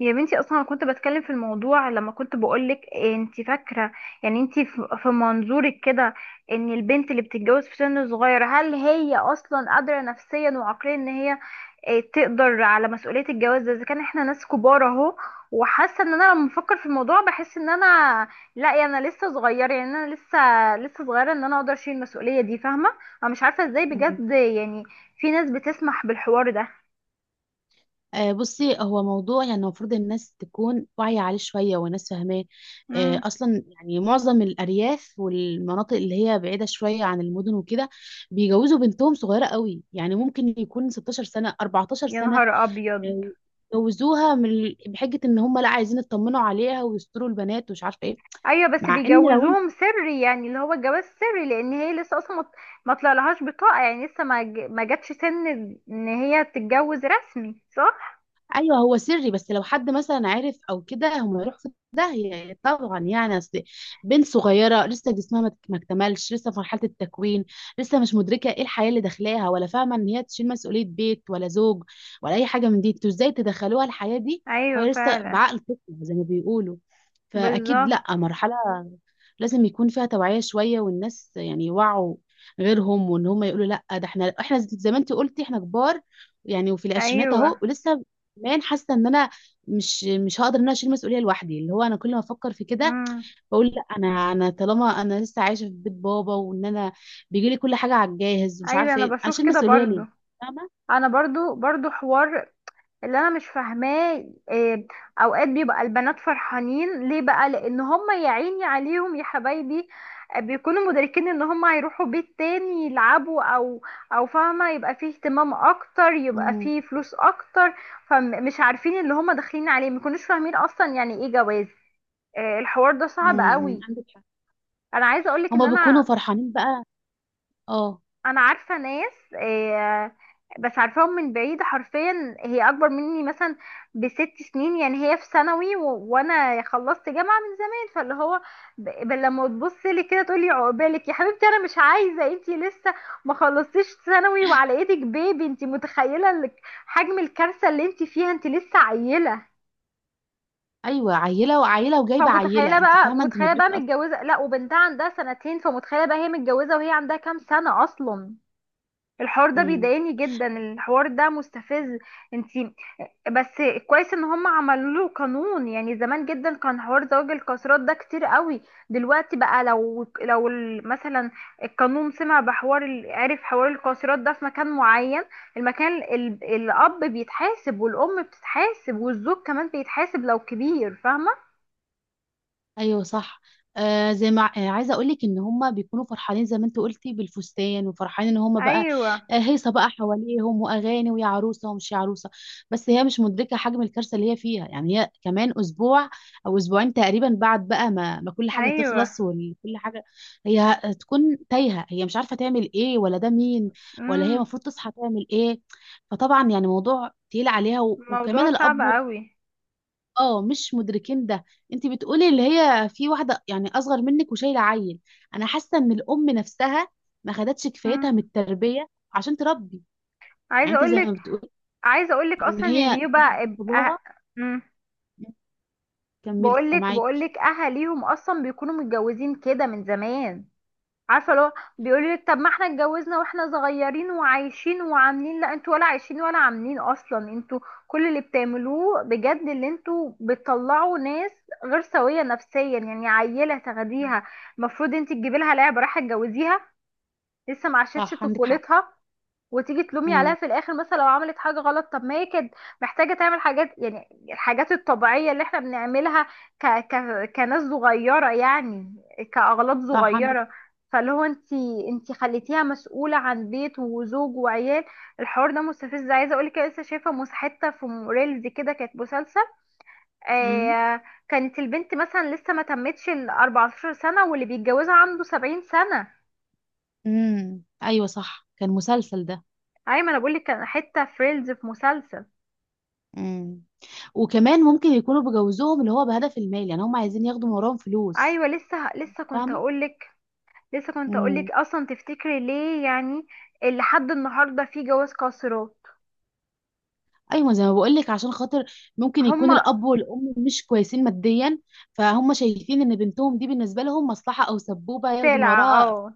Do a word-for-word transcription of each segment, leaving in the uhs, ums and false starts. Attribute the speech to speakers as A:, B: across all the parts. A: يا بنتي اصلا أنا كنت بتكلم في الموضوع لما كنت بقولك إيه انت فاكره. يعني انت في في منظورك كده ان البنت اللي بتتجوز في سن صغير، هل هي اصلا قادره نفسيا وعقليا ان هي إيه تقدر على مسؤوليه الجواز ده؟ اذا كان احنا ناس كبار اهو وحاسه ان انا لما بفكر في الموضوع بحس ان انا، لا يعني انا لسه صغيره، يعني انا لسه لسه صغيره، ان انا اقدر اشيل المسؤوليه دي، فاهمه؟ انا مش عارفه ازاي
B: مم.
A: بجد يعني في ناس بتسمح بالحوار ده.
B: آه، بصي هو موضوع، يعني المفروض الناس تكون واعية عليه شوية والناس فاهماه. آه،
A: امم.
B: أصلا يعني معظم الأرياف والمناطق اللي هي بعيدة شوية عن المدن وكده بيجوزوا بنتهم صغيرة قوي، يعني ممكن يكون ستاشر سنة، اربعتاشر
A: يا
B: سنة.
A: نهار ابيض.
B: آه، جوزوها من بحجة إن هم لا عايزين يطمنوا عليها ويستروا البنات ومش عارفة إيه.
A: ايوه بس
B: مع إن لو
A: بيجوزوهم سري، يعني اللي هو الجواز سري لان هي لسه اصلا ما ما طلعلهاش بطاقه، يعني لسه ما ج- ما جاتش سن ان هي تتجوز رسمي، صح؟
B: ايوه، هو سري، بس لو حد مثلا عرف او كده هم يروحوا في داهيه طبعا. يعني اصل بنت صغيره لسه جسمها ما ما اكتملش، لسه في مرحله التكوين. لسه مش مدركه ايه الحياه اللي داخلاها، ولا فاهمه ان هي تشيل مسؤوليه بيت ولا زوج ولا اي حاجه من دي. انتوا ازاي تدخلوها الحياه دي؟
A: ايوه
B: وهي لسه
A: فعلا.
B: بعقل طفل زي ما بيقولوا. فاكيد
A: بالظبط.
B: لا، مرحله لازم يكون فيها توعيه شويه، والناس يعني يوعوا غيرهم، وان هم يقولوا لا. ده احنا احنا زي ما انت قلتي احنا كبار يعني، وفي العشرينات اهو.
A: ايوه.
B: ولسه كمان حاسه ان انا مش مش هقدر ان انا اشيل مسؤوليه لوحدي. اللي هو انا كل ما افكر في كده
A: امم.
B: بقول لا، انا انا طالما انا لسه عايشه في بيت بابا، وان انا بيجي لي كل حاجه على الجاهز ومش
A: ايوه
B: عارفه
A: انا
B: ايه،
A: بشوف
B: اشيل
A: كده
B: مسؤوليه
A: برضو.
B: ليه؟ فاهمه.
A: انا برضو برضو حوار اللي انا مش فاهماه، إيه، اوقات بيبقى البنات فرحانين ليه بقى؟ لان هم يا عيني عليهم يا حبايبي، آه، بيكونوا مدركين ان هم هيروحوا بيت تاني يلعبوا او او فاهمه، يبقى فيه اهتمام اكتر، يبقى
B: مم.
A: فيه فلوس اكتر، فمش عارفين اللي هم داخلين عليه، ما يكونوش فاهمين اصلا يعني ايه جواز. آه، الحوار ده صعب
B: مم.
A: قوي.
B: عندك حق.
A: انا عايزه اقولك ان
B: هما بيكونوا
A: انا
B: فرحانين بقى. اه،
A: انا عارفه ناس، آه، بس عارفاهم من بعيد، حرفيا هي اكبر مني مثلا بست سنين، يعني هي في ثانوي و... وانا خلصت جامعه من زمان، فاللي هو ب... ب- لما تبص لي كده تقولي عقبالك يا حبيبتي، انا مش عايزه، انتي لسه ما خلصتيش ثانوي وعلى ايدك بيبي، انتي متخيله ال- حجم الكارثه اللي انتي فيها، انتي لسه عيله.
B: ايوه عيله وعيله وجايبه
A: فمتخيله
B: عيله، انت
A: بقى
B: فاهمه، انت
A: متخيله بقى
B: مدركه اصلا.
A: متجوزه، لا وبنتها عندها سنتين، فمتخيله بقى هي متجوزه وهي عندها كام سنه اصلا؟ الحوار ده
B: مم.
A: بيضايقني جدا، الحوار ده مستفز. انتي بس كويس ان هم عملوا له قانون. يعني زمان جدا كان حوار زواج القاصرات ده كتير قوي، دلوقتي بقى لو لو ال- مثلا القانون سمع بحوار ال- عرف حوار القاصرات ده في مكان معين، المكان ال- الاب بيتحاسب والام بتتحاسب والزوج كمان بيتحاسب لو كبير، فاهمة؟
B: ايوه صح. آه زي ما آه عايزه اقول لك ان هم بيكونوا فرحانين زي ما انت قلتي، بالفستان، وفرحانين ان هم بقى
A: ايوه.
B: آه هيصه بقى حواليهم واغاني ويا عروسه ومش يا عروسه. بس هي مش مدركه حجم الكارثه اللي هي فيها. يعني هي كمان اسبوع او اسبوعين تقريبا بعد بقى ما, ما كل حاجه
A: ايوه.
B: تخلص وكل حاجه، هي هتكون تايهه، هي مش عارفه تعمل ايه ولا ده مين ولا هي
A: امم.
B: المفروض تصحى تعمل ايه. فطبعا يعني موضوع تقيل عليها، و- وكمان
A: الموضوع صعب
B: الاب
A: قوي.
B: اه مش مدركين ده. انت بتقولي اللي هي في واحده يعني اصغر منك وشايله عيل. انا حاسه ان الام نفسها ما خدتش كفايتها
A: امم.
B: من التربيه عشان تربي. يعني
A: عايزه
B: انت زي ما
A: اقولك،
B: بتقولي
A: عايزه اقول لك
B: ان
A: اصلا إن
B: هي
A: بيبقى أه...
B: باباها. كملي
A: بقول لك، بقول
B: سامعاكي.
A: لك اهاليهم اصلا بيكونوا متجوزين كده من زمان، عارفه؟ لو بيقولوا لك طب ما احنا اتجوزنا واحنا صغيرين وعايشين وعاملين، لا انتوا ولا عايشين ولا عاملين اصلا، انتوا كل اللي بتعملوه بجد اللي انتوا بتطلعوا ناس غير سويه نفسيا، يعني عيله تاخديها؟ المفروض انت تجيبي لها لعبه، راح تجوزيها؟ لسه ما عاشتش
B: صح عندك حق.
A: طفولتها، وتيجي تلومي عليها
B: امم.
A: في الاخر مثلا لو عملت حاجه غلط؟ طب ما هي كانت محتاجه تعمل حاجات، يعني الحاجات الطبيعيه اللي احنا بنعملها ك... ك... كناس صغيره، يعني كاغلاط
B: صح عندك.
A: صغيره. فاللي هو انت، انت خليتيها مسؤوله عن بيت وزوج وعيال. الحوار ده مستفز. عايزه اقول لك أنا لسه شايفه مس- حته في ريلز كده كانت مسلسل،
B: امم.
A: آه كانت البنت مثلا لسه ما تمتش ال أربعة عشر سنه واللي بيتجوزها عنده سبعين سنه.
B: امم ايوه صح كان مسلسل ده.
A: ايمن، انا بقول لك كان حته في ريلز في مسلسل.
B: امم. وكمان ممكن يكونوا بجوزهم اللي هو بهدف المال، يعني هم عايزين ياخدوا من وراهم فلوس.
A: ايوه، لسه لسه كنت
B: فاهمه.
A: هقولك، لسه كنت
B: مم.
A: هقولك اصلا تفتكري ليه يعني اللي لحد النهارده في جواز قاصرات؟
B: ايوه زي ما بقول لك عشان خاطر ممكن يكون
A: هما
B: الاب والام مش كويسين ماديا، فهم شايفين ان بنتهم دي بالنسبه لهم مصلحه او سبوبه ياخدوا من
A: سلعة،
B: وراها.
A: اه.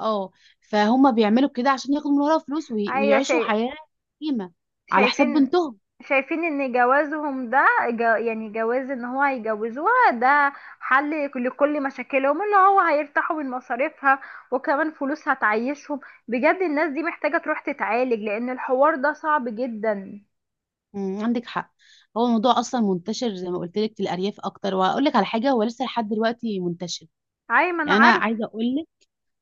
B: اه. فهم بيعملوا كده عشان ياخدوا من وراها فلوس، وي-
A: ايوه
B: ويعيشوا
A: شاي...
B: حياه قيمه على حساب
A: شايفين
B: بنتهم.
A: شايفين ان جوازهم ده جا... يعني جواز ان هو هيجوزوها ده حل لكل مشاكلهم، اللي هو هيرتاحوا من مصاريفها وكمان فلوس هتعيشهم. بجد الناس دي محتاجة تروح تتعالج لان الحوار ده صعب جدا.
B: أمم، عندك حق. هو الموضوع اصلا منتشر زي ما قلت لك في الارياف اكتر، وهقول لك على حاجه، هو لسه لحد دلوقتي منتشر.
A: ايوه ما انا
B: يعني انا
A: عارف.
B: عايزه اقول لك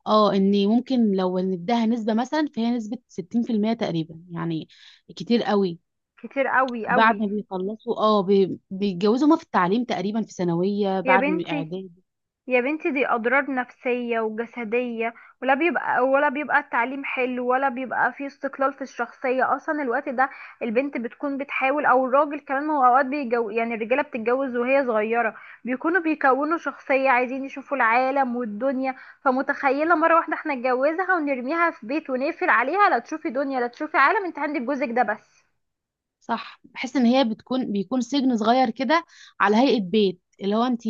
B: اه ان ممكن لو نديها نسبه مثلا، فهي نسبه ستين في المية تقريبا يعني، كتير قوي.
A: كتير قوي
B: بعد
A: قوي.
B: ما بيخلصوا اه بي- بيتجوزوا هما في التعليم، تقريبا في ثانوية
A: يا
B: بعد من
A: بنتي،
B: اعدادي.
A: يا بنتي دي أضرار نفسية وجسدية، ولا بيبقى ولا بيبقى التعليم حلو، ولا بيبقى فيه استقلال في الشخصية أصلا الوقت ده، البنت بتكون بتحاول، أو الراجل كمان، ما هو أوقات بيجو يعني الرجالة بتتجوز وهي صغيرة، بيكونوا بيكونوا شخصية عايزين يشوفوا العالم والدنيا، فمتخيلة مرة واحدة احنا نتجوزها ونرميها في بيت ونقفل عليها، لا تشوفي دنيا، لا تشوفي عالم، انت عندك جوزك ده بس.
B: صح، بحس ان هي بتكون بيكون سجن صغير كده على هيئة بيت. اللي هو انت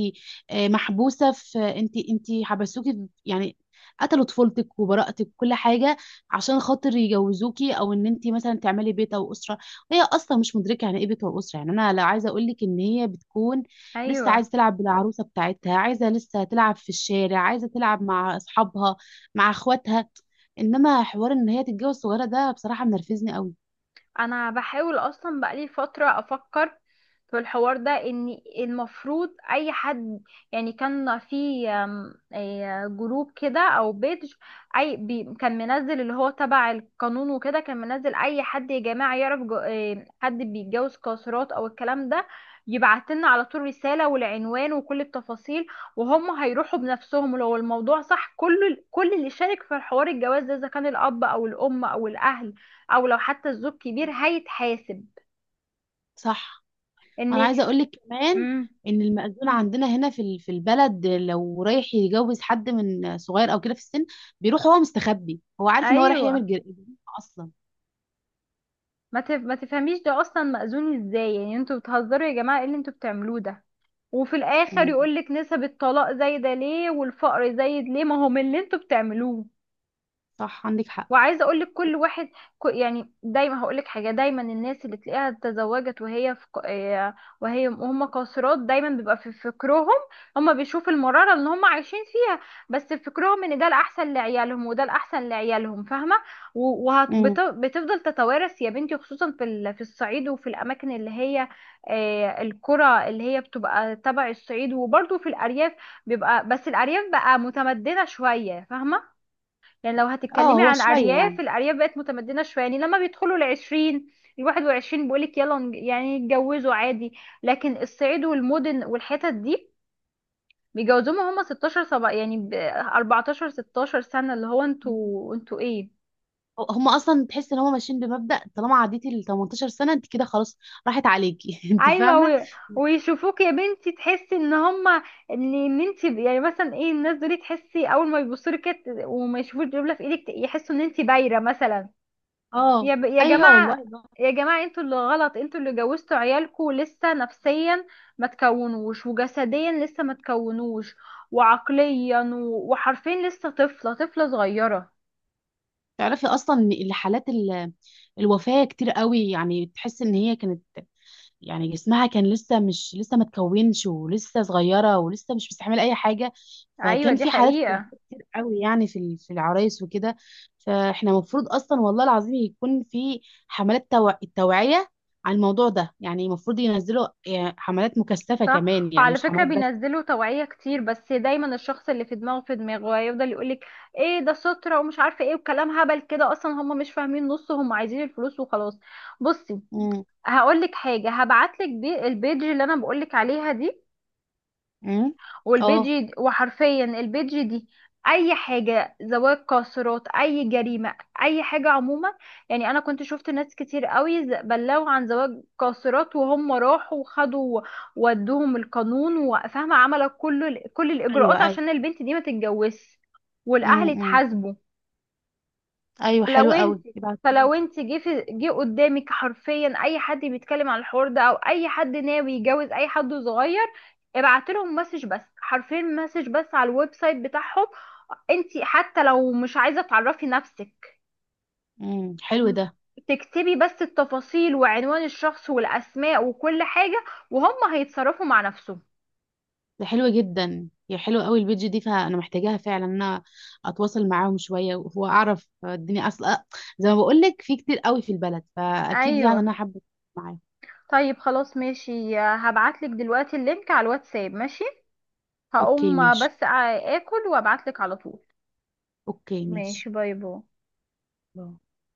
B: آه، محبوسة في انت انت حبسوكي في- يعني قتلوا طفولتك وبراءتك وكل حاجة عشان خاطر يجوزوكي، او ان انت مثلا تعملي بيت او اسرة. وهي اصلا مش مدركة يعني ايه بيت واسرة. يعني انا لا عايزة اقول لك ان هي بتكون لسه
A: ايوه
B: عايزة تلعب بالعروسة بتاعتها، عايزة لسه تلعب في الشارع، عايزة تلعب مع اصحابها مع اخواتها. انما حوار ان هي تتجوز صغيرة ده بصراحة منرفزني قوي.
A: انا بحاول اصلا بقالي فترة افكر في الحوار ده، ان المفروض اي حد، يعني كان في أم، إيه، جروب كده او بيج اي بي كان منزل، اللي هو تبع القانون وكده، كان منزل اي حد يا جماعة يعرف جو- إيه، حد بيتجوز قاصرات او الكلام ده يبعتلنا على طول رسالة والعنوان وكل التفاصيل، وهم هيروحوا بنفسهم لو الموضوع صح. كل كل اللي شارك في حوار الجواز ده، اذا كان الاب او الام او الاهل او لو حتى الزوج كبير، هيتحاسب.
B: صح.
A: ان،
B: انا عايزه اقول لك كمان
A: امم.
B: ان المأذون عندنا هنا في ال- في البلد لو رايح يتجوز حد من صغير او كده في السن، بيروح هو مستخبي، هو عارف ان هو رايح
A: ايوه
B: يعمل جر- جريمه اصلا.
A: ما تف... ما تفهميش ده اصلا مأذون ازاي؟ يعني انتوا بتهزروا يا جماعه، ايه اللي انتوا بتعملوه ده؟ وفي الاخر
B: مم.
A: يقولك نسب الطلاق زايده ليه والفقر زايد ليه؟ ما هو من اللي انتوا بتعملوه.
B: صح عندك حق.
A: وعايزه اقول لك كل واحد ك- يعني، دايما هقول لك حاجه، دايما الناس اللي تلاقيها اتزوجت وهي في ق- آه، وهي وهم قاصرات، دايما بيبقى في فكرهم، هم بيشوفوا المراره اللي هم عايشين فيها، بس في فكرهم ان ده الاحسن لعيالهم وده الاحسن لعيالهم، فاهمه؟
B: مم.
A: وبتفضل تتوارث يا بنتي، خصوصا في ال- في الصعيد وفي الاماكن اللي هي، آه، القرى اللي هي بتبقى تبع الصعيد وبرضه في الارياف. بيبقى بس الارياف بقى متمدنه شويه، فاهمه؟ يعني لو
B: اه
A: هتتكلمي
B: هو
A: عن
B: شويه
A: ارياف،
B: يعني.
A: الارياف بقت متمدنه شويه، يعني لما بيدخلوا العشرين، الواحد وعشرين بيقولك يلا نج- يعني يتجوزوا عادي، لكن الصعيد والمدن والحتت دي بيجوزوهم هم ستاشر سبع يعني ب أربعتاشر ستاشر سنه، اللي هو
B: مم.
A: انتوا انتوا ايه؟
B: هو- هم اصلا تحس ان هم ماشيين بمبدأ طالما عديتي ال تمنتاشر سنه انت كده خلاص، راحت عليكي انت
A: ايوه
B: فاهمه.
A: و... ويشوفوك يا بنتي، تحسي ان هم ان ان انت يعني مثلا ايه، الناس دول تحسي اول ما يبصوا لك كده وما يشوفوش دبله في ايدك يحسوا ان انت بايره مثلا.
B: اه
A: يا ب... يا
B: ايوه والله
A: جماعة،
B: ده.
A: يا جماعة انتوا اللي غلط، انتوا اللي جوزتوا عيالكوا لسه نفسيا ما تكونوش وجسديا لسه ما تكونوش وعقليا و... وحرفيا لسه طفلة، طفلة صغيرة.
B: تعرفي اصلا ان الحالات ال- الوفاه كتير قوي، يعني تحس ان هي كانت، يعني جسمها كان لسه مش لسه ما اتكونش، ولسه صغيره، ولسه مش مستحمله اي حاجه.
A: ايوه
B: فكان
A: دي
B: في حالات
A: حقيقة.
B: وفاة كتير قوي يعني في ال- في العرايس وكده. فاحنا المفروض اصلا والله العظيم يكون في حملات توع... التوعيه على الموضوع ده. يعني المفروض ينزلوا يعني حملات مكثفه
A: صح
B: كمان، يعني
A: وعلى
B: مش
A: فكرة
B: حملات بس.
A: بينزلوا توعية كتير، بس دايما الشخص اللي في دماغه في دماغه هيفضل يقولك ايه ده سترة ومش عارفة ايه وكلام هبل كده، اصلا هم مش فاهمين نص، هم عايزين الفلوس وخلاص. بصي
B: امم.
A: هقولك حاجة، هبعتلك بي- البيج اللي انا بقولك عليها دي،
B: امم اه
A: والبيجي، وحرفيا البيجي دي اي حاجه زواج قاصرات، اي جريمه، اي حاجه عموما، يعني انا كنت شفت ناس كتير قوي ز- بلغوا عن زواج قاصرات وهم راحوا وخدوا، ودوهم القانون، وفاهمه عملوا كل ال- كل
B: ايوه
A: الاجراءات
B: ايوه.
A: عشان البنت دي ما تتجوزش، والاهل
B: امم
A: اتحاسبوا.
B: ايوه
A: لو
B: حلو
A: انت،
B: قوي يبعتهولي.
A: فلو انت جه في- جه قدامك حرفيا اي حد بيتكلم عن الحوار ده، او اي حد ناوي يتجوز اي حد صغير، ابعت لهم مسج بس، حرفيا مسج بس على الويب سايت بتاعهم، انت حتى لو مش عايزه تعرفي نفسك،
B: امم حلو ده.
A: تكتبي بس التفاصيل وعنوان الشخص والاسماء وكل حاجه وهم هيتصرفوا مع نفسهم.
B: ده حلوة جدا، يا حلوة قوي البيج دي، فانا محتاجاها فعلا ان انا اتواصل معاهم شوية واعرف الدنيا اصلا. زي ما بقول لك في كتير قوي في البلد، فاكيد يعني
A: ايوه
B: انا حابة أتواصل معاهم.
A: طيب خلاص ماشي، هبعتلك دلوقتي اللينك على الواتساب، ماشي؟
B: اوكي
A: هقوم
B: ماشي.
A: بس اكل وابعتلك على طول.
B: اوكي ماشي.
A: ماشي، باي باي.
B: باي.